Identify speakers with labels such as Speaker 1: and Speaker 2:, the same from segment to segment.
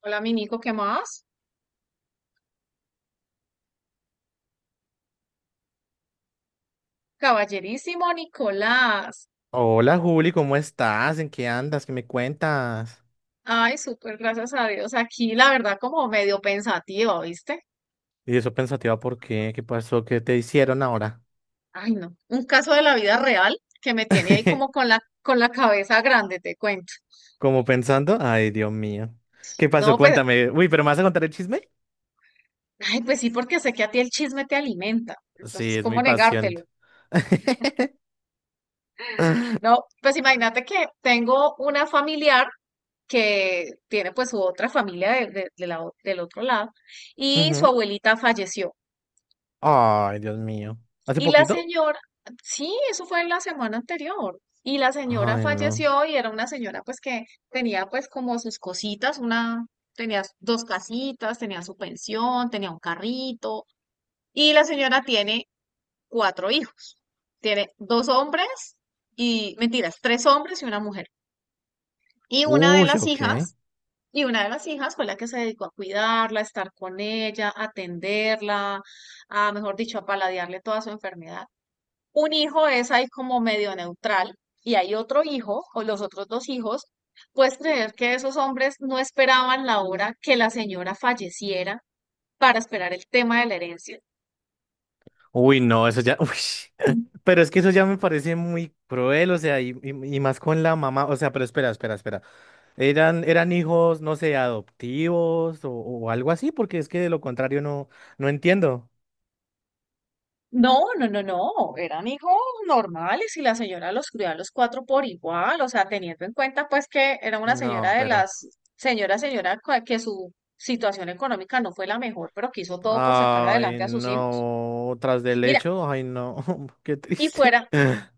Speaker 1: Hola, mi Nico, ¿qué más? Caballerísimo Nicolás.
Speaker 2: Hola Juli, ¿cómo estás? ¿En qué andas? ¿Qué me cuentas?
Speaker 1: Ay, súper, gracias a Dios. Aquí, la verdad, como medio pensativa, ¿viste?
Speaker 2: Y eso pensativa, ¿por qué? ¿Qué pasó? ¿Qué te hicieron ahora?
Speaker 1: Ay, no. Un caso de la vida real que me tiene ahí como con la, con la cabeza grande, te cuento.
Speaker 2: Como pensando, ay Dios mío. ¿Qué pasó?
Speaker 1: No, pues,
Speaker 2: Cuéntame. Uy, ¿pero me vas a contar el chisme?
Speaker 1: ay, pues sí, porque sé que a ti el chisme te alimenta. Entonces,
Speaker 2: Sí, es
Speaker 1: ¿cómo
Speaker 2: mi pasión.
Speaker 1: negártelo? No, pues imagínate que tengo una familiar que tiene pues su otra familia del otro lado y su
Speaker 2: Ujú.
Speaker 1: abuelita falleció.
Speaker 2: Ay, Dios mío. ¿Hace
Speaker 1: Y la
Speaker 2: poquito?
Speaker 1: señora, sí, eso fue la semana anterior. Y la señora
Speaker 2: Ay, no.
Speaker 1: falleció y era una señora pues que tenía pues como sus cositas, tenía dos casitas, tenía su pensión, tenía un carrito. Y la señora tiene cuatro hijos. Tiene dos hombres y, mentiras, tres hombres y una mujer. Y una de
Speaker 2: Uy,
Speaker 1: las
Speaker 2: ok.
Speaker 1: hijas, y una de las hijas fue la que se dedicó a cuidarla, a estar con ella, a atenderla, a, mejor dicho, a paladearle toda su enfermedad. Un hijo es ahí como medio neutral y hay otro hijo o los otros dos hijos. Puedes creer que esos hombres no esperaban la hora que la señora falleciera para esperar el tema de la herencia.
Speaker 2: Uy, no, eso ya. Uy. Pero es que eso ya me parece muy cruel, o sea, y más con la mamá. O sea, pero espera, espera, espera. Eran hijos, no sé, adoptivos o algo así, porque es que de lo contrario no, no entiendo.
Speaker 1: No, no, no, no, eran hijos normales y la señora los crió a los cuatro por igual, o sea, teniendo en cuenta pues que era una señora
Speaker 2: No,
Speaker 1: de
Speaker 2: pero.
Speaker 1: señora, señora, que su situación económica no fue la mejor, pero que hizo todo por sacar
Speaker 2: Ay,
Speaker 1: adelante a sus hijos.
Speaker 2: no. Tras del
Speaker 1: Mira,
Speaker 2: hecho, ay, no. Qué
Speaker 1: y
Speaker 2: triste.
Speaker 1: fuera,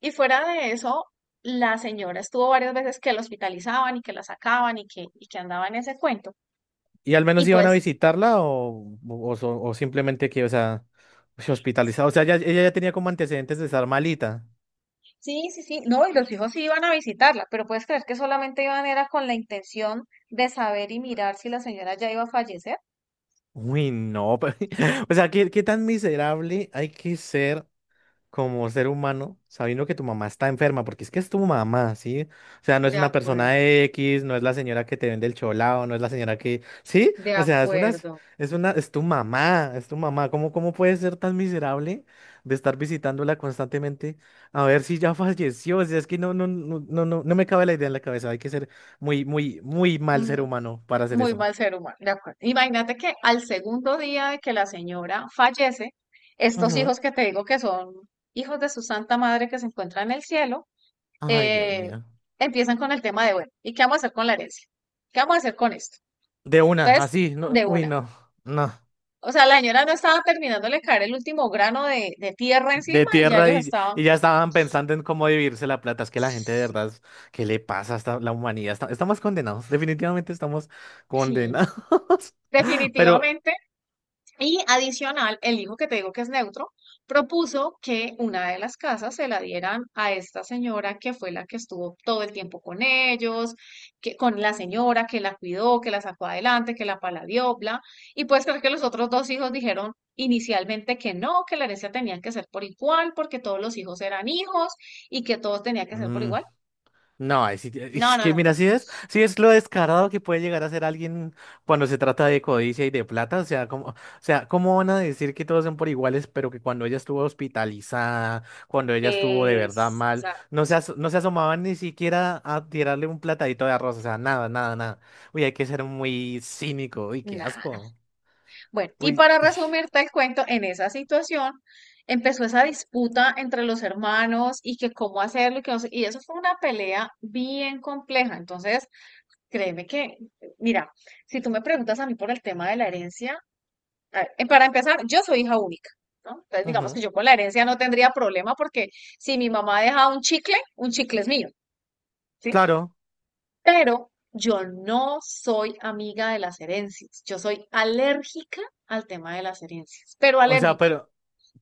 Speaker 1: y fuera de eso, la señora estuvo varias veces que la hospitalizaban y que la sacaban y que andaba en ese cuento.
Speaker 2: ¿Y al
Speaker 1: Y
Speaker 2: menos iban a
Speaker 1: pues,
Speaker 2: visitarla o simplemente que, o sea, se hospitalizaba? O sea, ella ya tenía como antecedentes de estar malita.
Speaker 1: Sí, sí, sí. No, y los hijos sí iban a visitarla, pero puedes creer que solamente iban era con la intención de saber y mirar si la señora ya iba a fallecer.
Speaker 2: Uy, no. pero- O sea, qué tan miserable hay que ser? Como ser humano, sabiendo que tu mamá está enferma, porque es que es tu mamá, ¿sí? O sea, no es
Speaker 1: De
Speaker 2: una
Speaker 1: acuerdo,
Speaker 2: persona X, no es la señora que te vende el cholao, no es la señora que, ¿sí?
Speaker 1: de
Speaker 2: O sea,
Speaker 1: acuerdo.
Speaker 2: es una, es tu mamá, es tu mamá. Cómo puedes ser tan miserable de estar visitándola constantemente a ver si ya falleció? O sea, es que no me cabe la idea en la cabeza. Hay que ser muy, muy, muy mal
Speaker 1: Mm,
Speaker 2: ser humano para hacer
Speaker 1: Muy
Speaker 2: eso.
Speaker 1: mal ser humano, de acuerdo. Imagínate que al segundo día de que la señora fallece, estos
Speaker 2: Ujú.
Speaker 1: hijos que te digo que son hijos de su santa madre que se encuentran en el cielo,
Speaker 2: Ay, Dios
Speaker 1: eh,
Speaker 2: mío.
Speaker 1: empiezan con el tema de, bueno, ¿y qué vamos a hacer con la herencia? ¿Qué vamos a hacer con esto?
Speaker 2: De una,
Speaker 1: Entonces,
Speaker 2: así, no,
Speaker 1: de
Speaker 2: uy,
Speaker 1: una.
Speaker 2: no.
Speaker 1: O sea, la señora no estaba terminándole de caer el último grano de tierra
Speaker 2: De
Speaker 1: encima y ya
Speaker 2: tierra
Speaker 1: ellos
Speaker 2: y ya estaban pensando en cómo dividirse la plata. Es que la gente de
Speaker 1: sí,
Speaker 2: verdad, ¿qué le pasa a la humanidad? Estamos condenados, definitivamente estamos
Speaker 1: sí,
Speaker 2: condenados. Pero,
Speaker 1: definitivamente. Y adicional, el hijo que te digo que es neutro propuso que una de las casas se la dieran a esta señora que fue la que estuvo todo el tiempo con ellos, que con la señora que la cuidó, que la sacó adelante, que la paladió, bla. Y puedes creer que los otros dos hijos dijeron inicialmente que no, que la herencia tenía que ser por igual, porque todos los hijos eran hijos y que todos tenía que ser por
Speaker 2: mm,
Speaker 1: igual.
Speaker 2: no, ahí sí
Speaker 1: No,
Speaker 2: es,
Speaker 1: no,
Speaker 2: que
Speaker 1: no.
Speaker 2: mira, si es lo descarado que puede llegar a ser alguien cuando se trata de codicia y de plata, o sea, como, o sea, ¿cómo van a decir que todos son por iguales, pero que cuando ella estuvo hospitalizada, cuando ella estuvo de verdad
Speaker 1: O
Speaker 2: mal,
Speaker 1: sea,
Speaker 2: no se, no se asomaban ni siquiera a tirarle un platadito de arroz, o sea, nada, nada, nada. Uy, hay que ser muy cínico, uy, qué
Speaker 1: nada.
Speaker 2: asco.
Speaker 1: Bueno, y
Speaker 2: Uy,
Speaker 1: para resumirte el cuento, en esa situación empezó esa disputa entre los hermanos y que cómo hacerlo y que no sé- y eso fue una pelea bien compleja. Entonces, créeme que, mira, si tú me preguntas a mí por el tema de la herencia, a ver, para empezar, yo soy hija única, ¿no? Entonces, digamos
Speaker 2: ujú,
Speaker 1: que yo con la herencia no tendría problema porque si mi mamá deja un chicle es mío. ¿Sí?
Speaker 2: claro.
Speaker 1: Pero yo no soy amiga de las herencias. Yo soy alérgica al tema de las herencias, pero
Speaker 2: O sea,
Speaker 1: alérgica.
Speaker 2: pero,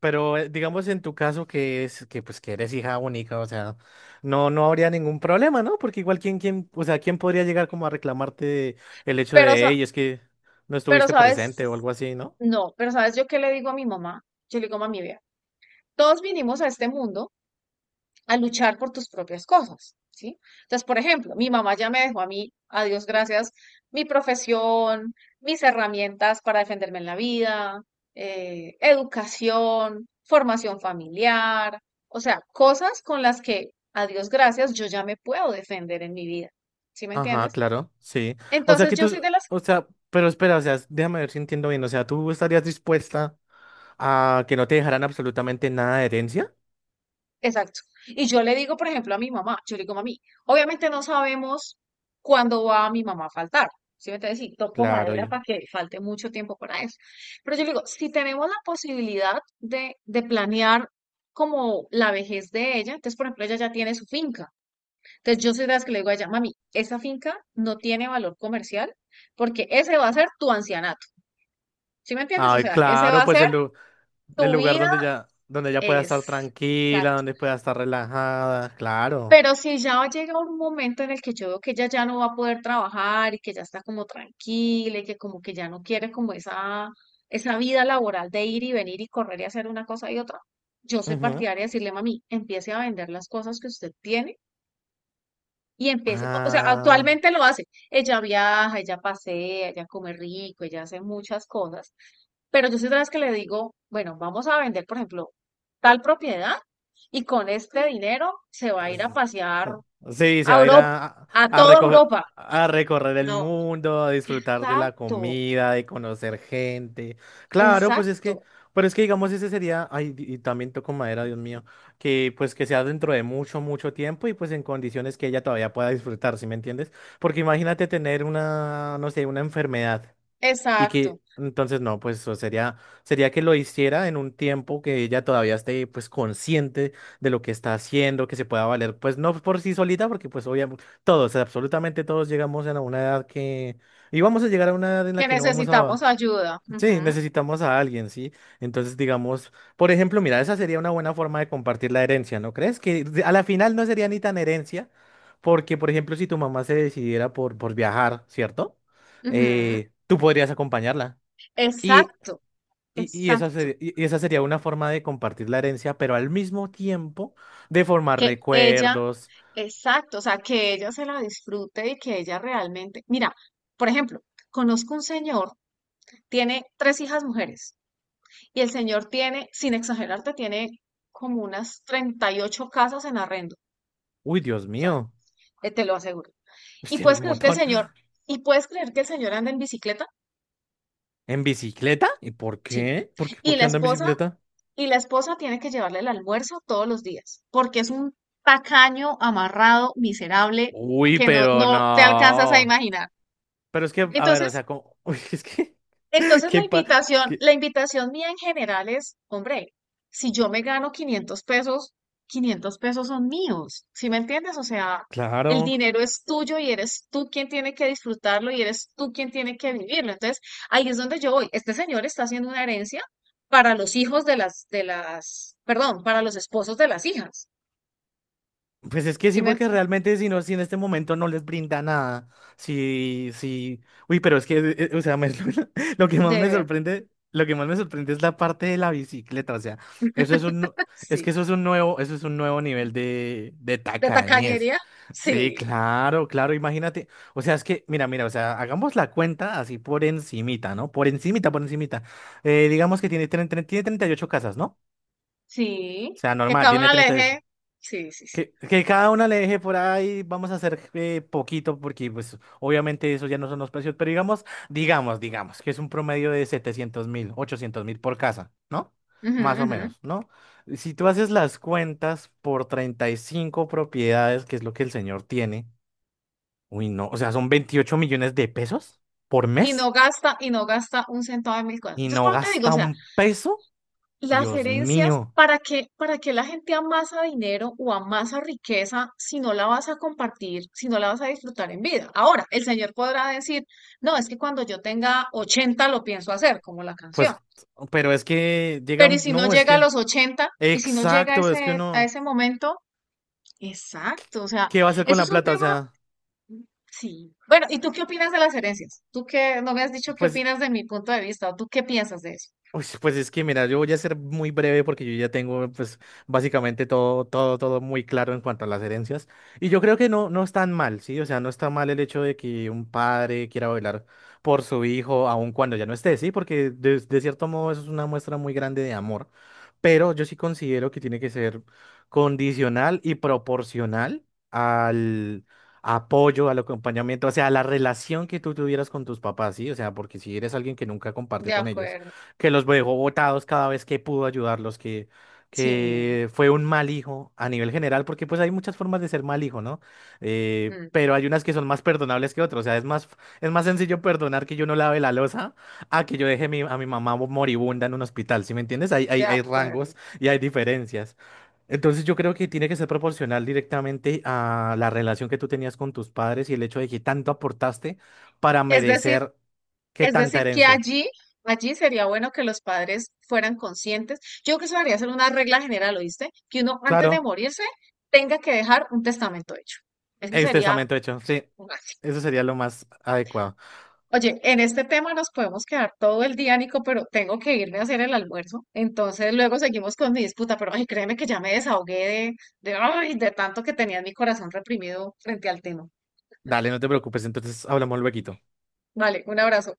Speaker 2: pero digamos en tu caso que es que pues que eres hija única, o sea, no, no habría ningún problema, ¿no? Porque igual quién, o sea, quién podría llegar como a reclamarte el hecho
Speaker 1: Pero,
Speaker 2: de,
Speaker 1: sa-
Speaker 2: hey, es que no
Speaker 1: pero
Speaker 2: estuviste presente o
Speaker 1: sabes,
Speaker 2: algo así, ¿no?
Speaker 1: no, pero sabes yo qué le digo a mi mamá. Yo le digo, mami, vea, todos vinimos a este mundo a luchar por tus propias cosas, ¿sí? Entonces, por ejemplo, mi mamá ya me dejó a mí, a Dios gracias, mi profesión, mis herramientas para defenderme en la vida, educación, formación familiar, o sea, cosas con las que, a Dios gracias, yo ya me puedo defender en mi vida, ¿sí me
Speaker 2: Ajá,
Speaker 1: entiendes?
Speaker 2: claro, sí. O sea
Speaker 1: Entonces,
Speaker 2: que
Speaker 1: yo
Speaker 2: tú,
Speaker 1: soy de las.
Speaker 2: o sea, pero espera, o sea, déjame ver si entiendo bien. O sea, ¿tú estarías dispuesta a que no te dejaran absolutamente nada de herencia?
Speaker 1: Exacto. Y yo le digo, por ejemplo, a mi mamá, yo le digo, mami, obviamente no sabemos cuándo va mi mamá a faltar. ¿Sí me entiendes? Y toco
Speaker 2: Claro,
Speaker 1: madera
Speaker 2: yo.
Speaker 1: para que falte mucho tiempo para eso. Pero yo le digo, si tenemos la posibilidad de planear como la vejez de ella, entonces, por ejemplo, ella ya tiene su finca. Entonces, yo soy de las que le digo a ella, mami, esa finca no tiene valor comercial porque ese va a ser tu ancianato. ¿Sí me entiendes? O
Speaker 2: Ay,
Speaker 1: sea, ese va
Speaker 2: claro,
Speaker 1: a
Speaker 2: pues
Speaker 1: ser
Speaker 2: el
Speaker 1: tu
Speaker 2: lugar
Speaker 1: vida
Speaker 2: donde ya pueda estar
Speaker 1: es.
Speaker 2: tranquila, donde pueda estar relajada, claro.
Speaker 1: Pero si ya llega un momento en el que yo veo que ella ya no va a poder trabajar y que ya está como tranquila y que como que ya no quiere como esa vida laboral de ir y venir y correr y hacer una cosa y otra, yo soy
Speaker 2: Ujú.
Speaker 1: partidaria de decirle, mami, empiece a vender las cosas que usted tiene y empiece, o sea,
Speaker 2: Ah,
Speaker 1: actualmente lo hace. Ella viaja, ella pasea, ella come rico, ella hace muchas cosas, pero yo soy de las que le digo, bueno, vamos a vender, por ejemplo, tal propiedad y con este dinero se va a ir a pasear
Speaker 2: sí, se
Speaker 1: a
Speaker 2: va a ir
Speaker 1: Europa,
Speaker 2: a,
Speaker 1: a
Speaker 2: a,
Speaker 1: toda
Speaker 2: recoger,
Speaker 1: Europa.
Speaker 2: a recorrer el
Speaker 1: No,
Speaker 2: mundo, a disfrutar de la
Speaker 1: exacto,
Speaker 2: comida, de conocer gente. Claro, pues es que,
Speaker 1: exacto,
Speaker 2: pero es que digamos, ese sería, ay, y también toco madera, Dios mío, que pues que sea dentro de mucho, mucho tiempo y pues en condiciones que ella todavía pueda disfrutar, ¿sí me entiendes? Porque imagínate tener una, no sé, una enfermedad. Y
Speaker 1: exacto.
Speaker 2: que entonces no, pues o sería, sería que lo hiciera en un tiempo que ella todavía esté pues consciente de lo que está haciendo, que se pueda valer, pues no por sí solita, porque pues obviamente todos, absolutamente todos llegamos a una edad que, y vamos a llegar a una edad en la
Speaker 1: Que
Speaker 2: que no vamos
Speaker 1: necesitamos
Speaker 2: a,
Speaker 1: ayuda.
Speaker 2: sí,
Speaker 1: Ujú,
Speaker 2: necesitamos a alguien, ¿sí? Entonces, digamos, por ejemplo, mira, esa sería una buena forma de compartir la herencia, ¿no crees? Que a la final no sería ni tan herencia, porque, por ejemplo, si tu mamá se decidiera por viajar, ¿cierto?
Speaker 1: ujú.
Speaker 2: Tú podrías acompañarla. Y,
Speaker 1: Exacto,
Speaker 2: y esa
Speaker 1: exacto.
Speaker 2: sería, y esa sería una forma de compartir la herencia, pero al mismo tiempo de formar
Speaker 1: Que ella,
Speaker 2: recuerdos.
Speaker 1: exacto, o sea, que ella se la disfrute y que ella realmente, mira, por ejemplo, conozco un señor, tiene tres hijas mujeres y el señor tiene, sin exagerarte, tiene como unas 38 casas en arrendo.
Speaker 2: Uy, Dios
Speaker 1: O sea,
Speaker 2: mío,
Speaker 1: te lo aseguro. ¿Y
Speaker 2: tiene
Speaker 1: puedes
Speaker 2: un
Speaker 1: creer que el
Speaker 2: montón.
Speaker 1: señor, y puedes creer que el señor anda en bicicleta?
Speaker 2: ¿En bicicleta? ¿Y por
Speaker 1: Sí.
Speaker 2: qué? Por
Speaker 1: Y la
Speaker 2: qué anda en
Speaker 1: esposa,
Speaker 2: bicicleta?
Speaker 1: y la esposa tiene que llevarle el almuerzo todos los días, porque es un tacaño, amarrado, miserable,
Speaker 2: Uy,
Speaker 1: que no,
Speaker 2: pero
Speaker 1: no te alcanzas a
Speaker 2: no.
Speaker 1: imaginar.
Speaker 2: Pero es que, a ver, o
Speaker 1: Entonces,
Speaker 2: sea, como, uy,
Speaker 1: entonces la
Speaker 2: qué pa,
Speaker 1: invitación,
Speaker 2: qué-
Speaker 1: la invitación mía en general es, hombre, si yo me gano 500 pesos, 500 pesos son míos, ¿sí me entiendes? O sea, el
Speaker 2: claro.
Speaker 1: dinero es tuyo y eres tú quien tiene que disfrutarlo y eres tú quien tiene que vivirlo. Entonces, ahí es donde yo voy. Este señor está haciendo una herencia para los hijos de perdón, para los esposos de las hijas.
Speaker 2: Pues es que
Speaker 1: ¿Sí
Speaker 2: sí,
Speaker 1: me
Speaker 2: porque
Speaker 1: ent-
Speaker 2: realmente si no, si en este momento no les brinda nada, sí, sí, uy, pero es que, o sea, lo que
Speaker 1: De
Speaker 2: más me
Speaker 1: verdad,
Speaker 2: sorprende, lo que más me sorprende es la parte de la bicicleta, o sea, eso es un, nu- es que
Speaker 1: sí.
Speaker 2: eso es un nuevo, eso es un nuevo nivel de
Speaker 1: ¿De
Speaker 2: tacañez.
Speaker 1: tacañería? Sí,
Speaker 2: Sí, claro, claro, imagínate, o sea, es que, mira, mira, o sea, hagamos la cuenta así por encimita, ¿no? Por encimita, por encimita. Digamos que tiene, tiene 38 casas, ¿no? O
Speaker 1: sí.
Speaker 2: sea,
Speaker 1: Que
Speaker 2: normal,
Speaker 1: cada
Speaker 2: tiene
Speaker 1: una le
Speaker 2: treinta y
Speaker 1: deje.
Speaker 2: ocho.
Speaker 1: Sí, sí, sí.
Speaker 2: Que cada una le deje por ahí, vamos a hacer poquito porque pues obviamente eso ya no son los precios, pero digamos, digamos, digamos, que es un promedio de 700.000, 800.000 por casa, ¿no?
Speaker 1: Ujú,
Speaker 2: Más o
Speaker 1: ujú.
Speaker 2: menos, ¿no? Si tú haces las cuentas por 35 propiedades, que es lo que el señor tiene, uy, no, o sea, son 28 millones de pesos por
Speaker 1: Y no
Speaker 2: mes
Speaker 1: gasta, y no gasta un centavo de mil cosas.
Speaker 2: y
Speaker 1: Entonces, por
Speaker 2: no
Speaker 1: eso te digo, o
Speaker 2: gasta
Speaker 1: sea,
Speaker 2: un peso,
Speaker 1: las
Speaker 2: Dios
Speaker 1: herencias,
Speaker 2: mío,
Speaker 1: ¿para qué la gente amasa dinero o amasa riqueza si no la vas a compartir, si no la vas a disfrutar en vida? Ahora, el señor podrá decir, no, es que cuando yo tenga 80 lo pienso hacer, como la canción.
Speaker 2: pues, pero es que llega,
Speaker 1: Pero ¿y si no
Speaker 2: no, es
Speaker 1: llega a
Speaker 2: que,
Speaker 1: los 80? ¿Y si no llega a
Speaker 2: exacto, es que
Speaker 1: ese, a
Speaker 2: uno...
Speaker 1: ese momento? Exacto, o sea,
Speaker 2: ¿Qué va a hacer con
Speaker 1: eso
Speaker 2: la
Speaker 1: es un
Speaker 2: plata? O
Speaker 1: tema.
Speaker 2: sea,
Speaker 1: Sí. Bueno, ¿y tú qué opinas de las herencias? Tú que no me has dicho qué
Speaker 2: pues
Speaker 1: opinas de mi punto de vista, o tú qué piensas de eso.
Speaker 2: uy, pues es que mira, yo voy a ser muy breve porque yo ya tengo pues básicamente todo, todo, todo muy claro en cuanto a las herencias. Y yo creo que no, no es tan mal, ¿sí? O sea, no está mal el hecho de que un padre quiera velar por su hijo aun cuando ya no esté, ¿sí? Porque de cierto modo eso es una muestra muy grande de amor. Pero yo sí considero que tiene que ser condicional y proporcional al apoyo, al acompañamiento, o sea, a la relación que tú tuvieras con tus papás, ¿sí? O sea, porque si eres alguien que nunca
Speaker 1: De
Speaker 2: compartió con ellos
Speaker 1: acuerdo.
Speaker 2: que los dejó botados cada vez que pudo ayudarlos,
Speaker 1: Sí,
Speaker 2: que fue un mal hijo a nivel general, porque pues hay muchas formas de ser mal hijo, ¿no?
Speaker 1: mm,
Speaker 2: Pero hay unas que son más perdonables que otras, o sea, es más sencillo perdonar que yo no lave la loza a que yo a mi mamá moribunda en un hospital, ¿sí me entiendes?
Speaker 1: de
Speaker 2: Hay
Speaker 1: acuerdo.
Speaker 2: rangos y hay diferencias. Entonces yo creo que tiene que ser proporcional directamente a la relación que tú tenías con tus padres y el hecho de que tanto aportaste para
Speaker 1: Es decir,
Speaker 2: merecer que
Speaker 1: es
Speaker 2: tanta
Speaker 1: decir que
Speaker 2: herencia.
Speaker 1: allí sería bueno que los padres fueran conscientes. Yo creo que eso debería ser una regla general, ¿oíste? Que uno antes de
Speaker 2: Claro.
Speaker 1: morirse tenga que dejar un testamento hecho. Eso sería
Speaker 2: Extensamente hecho, sí.
Speaker 1: básico.
Speaker 2: Eso sería lo más adecuado.
Speaker 1: Oye, en este tema nos podemos quedar todo el día, Nico, pero tengo que irme a hacer el almuerzo. Entonces luego seguimos con mi disputa, pero ay, créeme que ya me desahogué de tanto que tenía en mi corazón reprimido frente al tema.
Speaker 2: Dale, no te preocupes, entonces hablamos luego.
Speaker 1: Vale, un abrazo.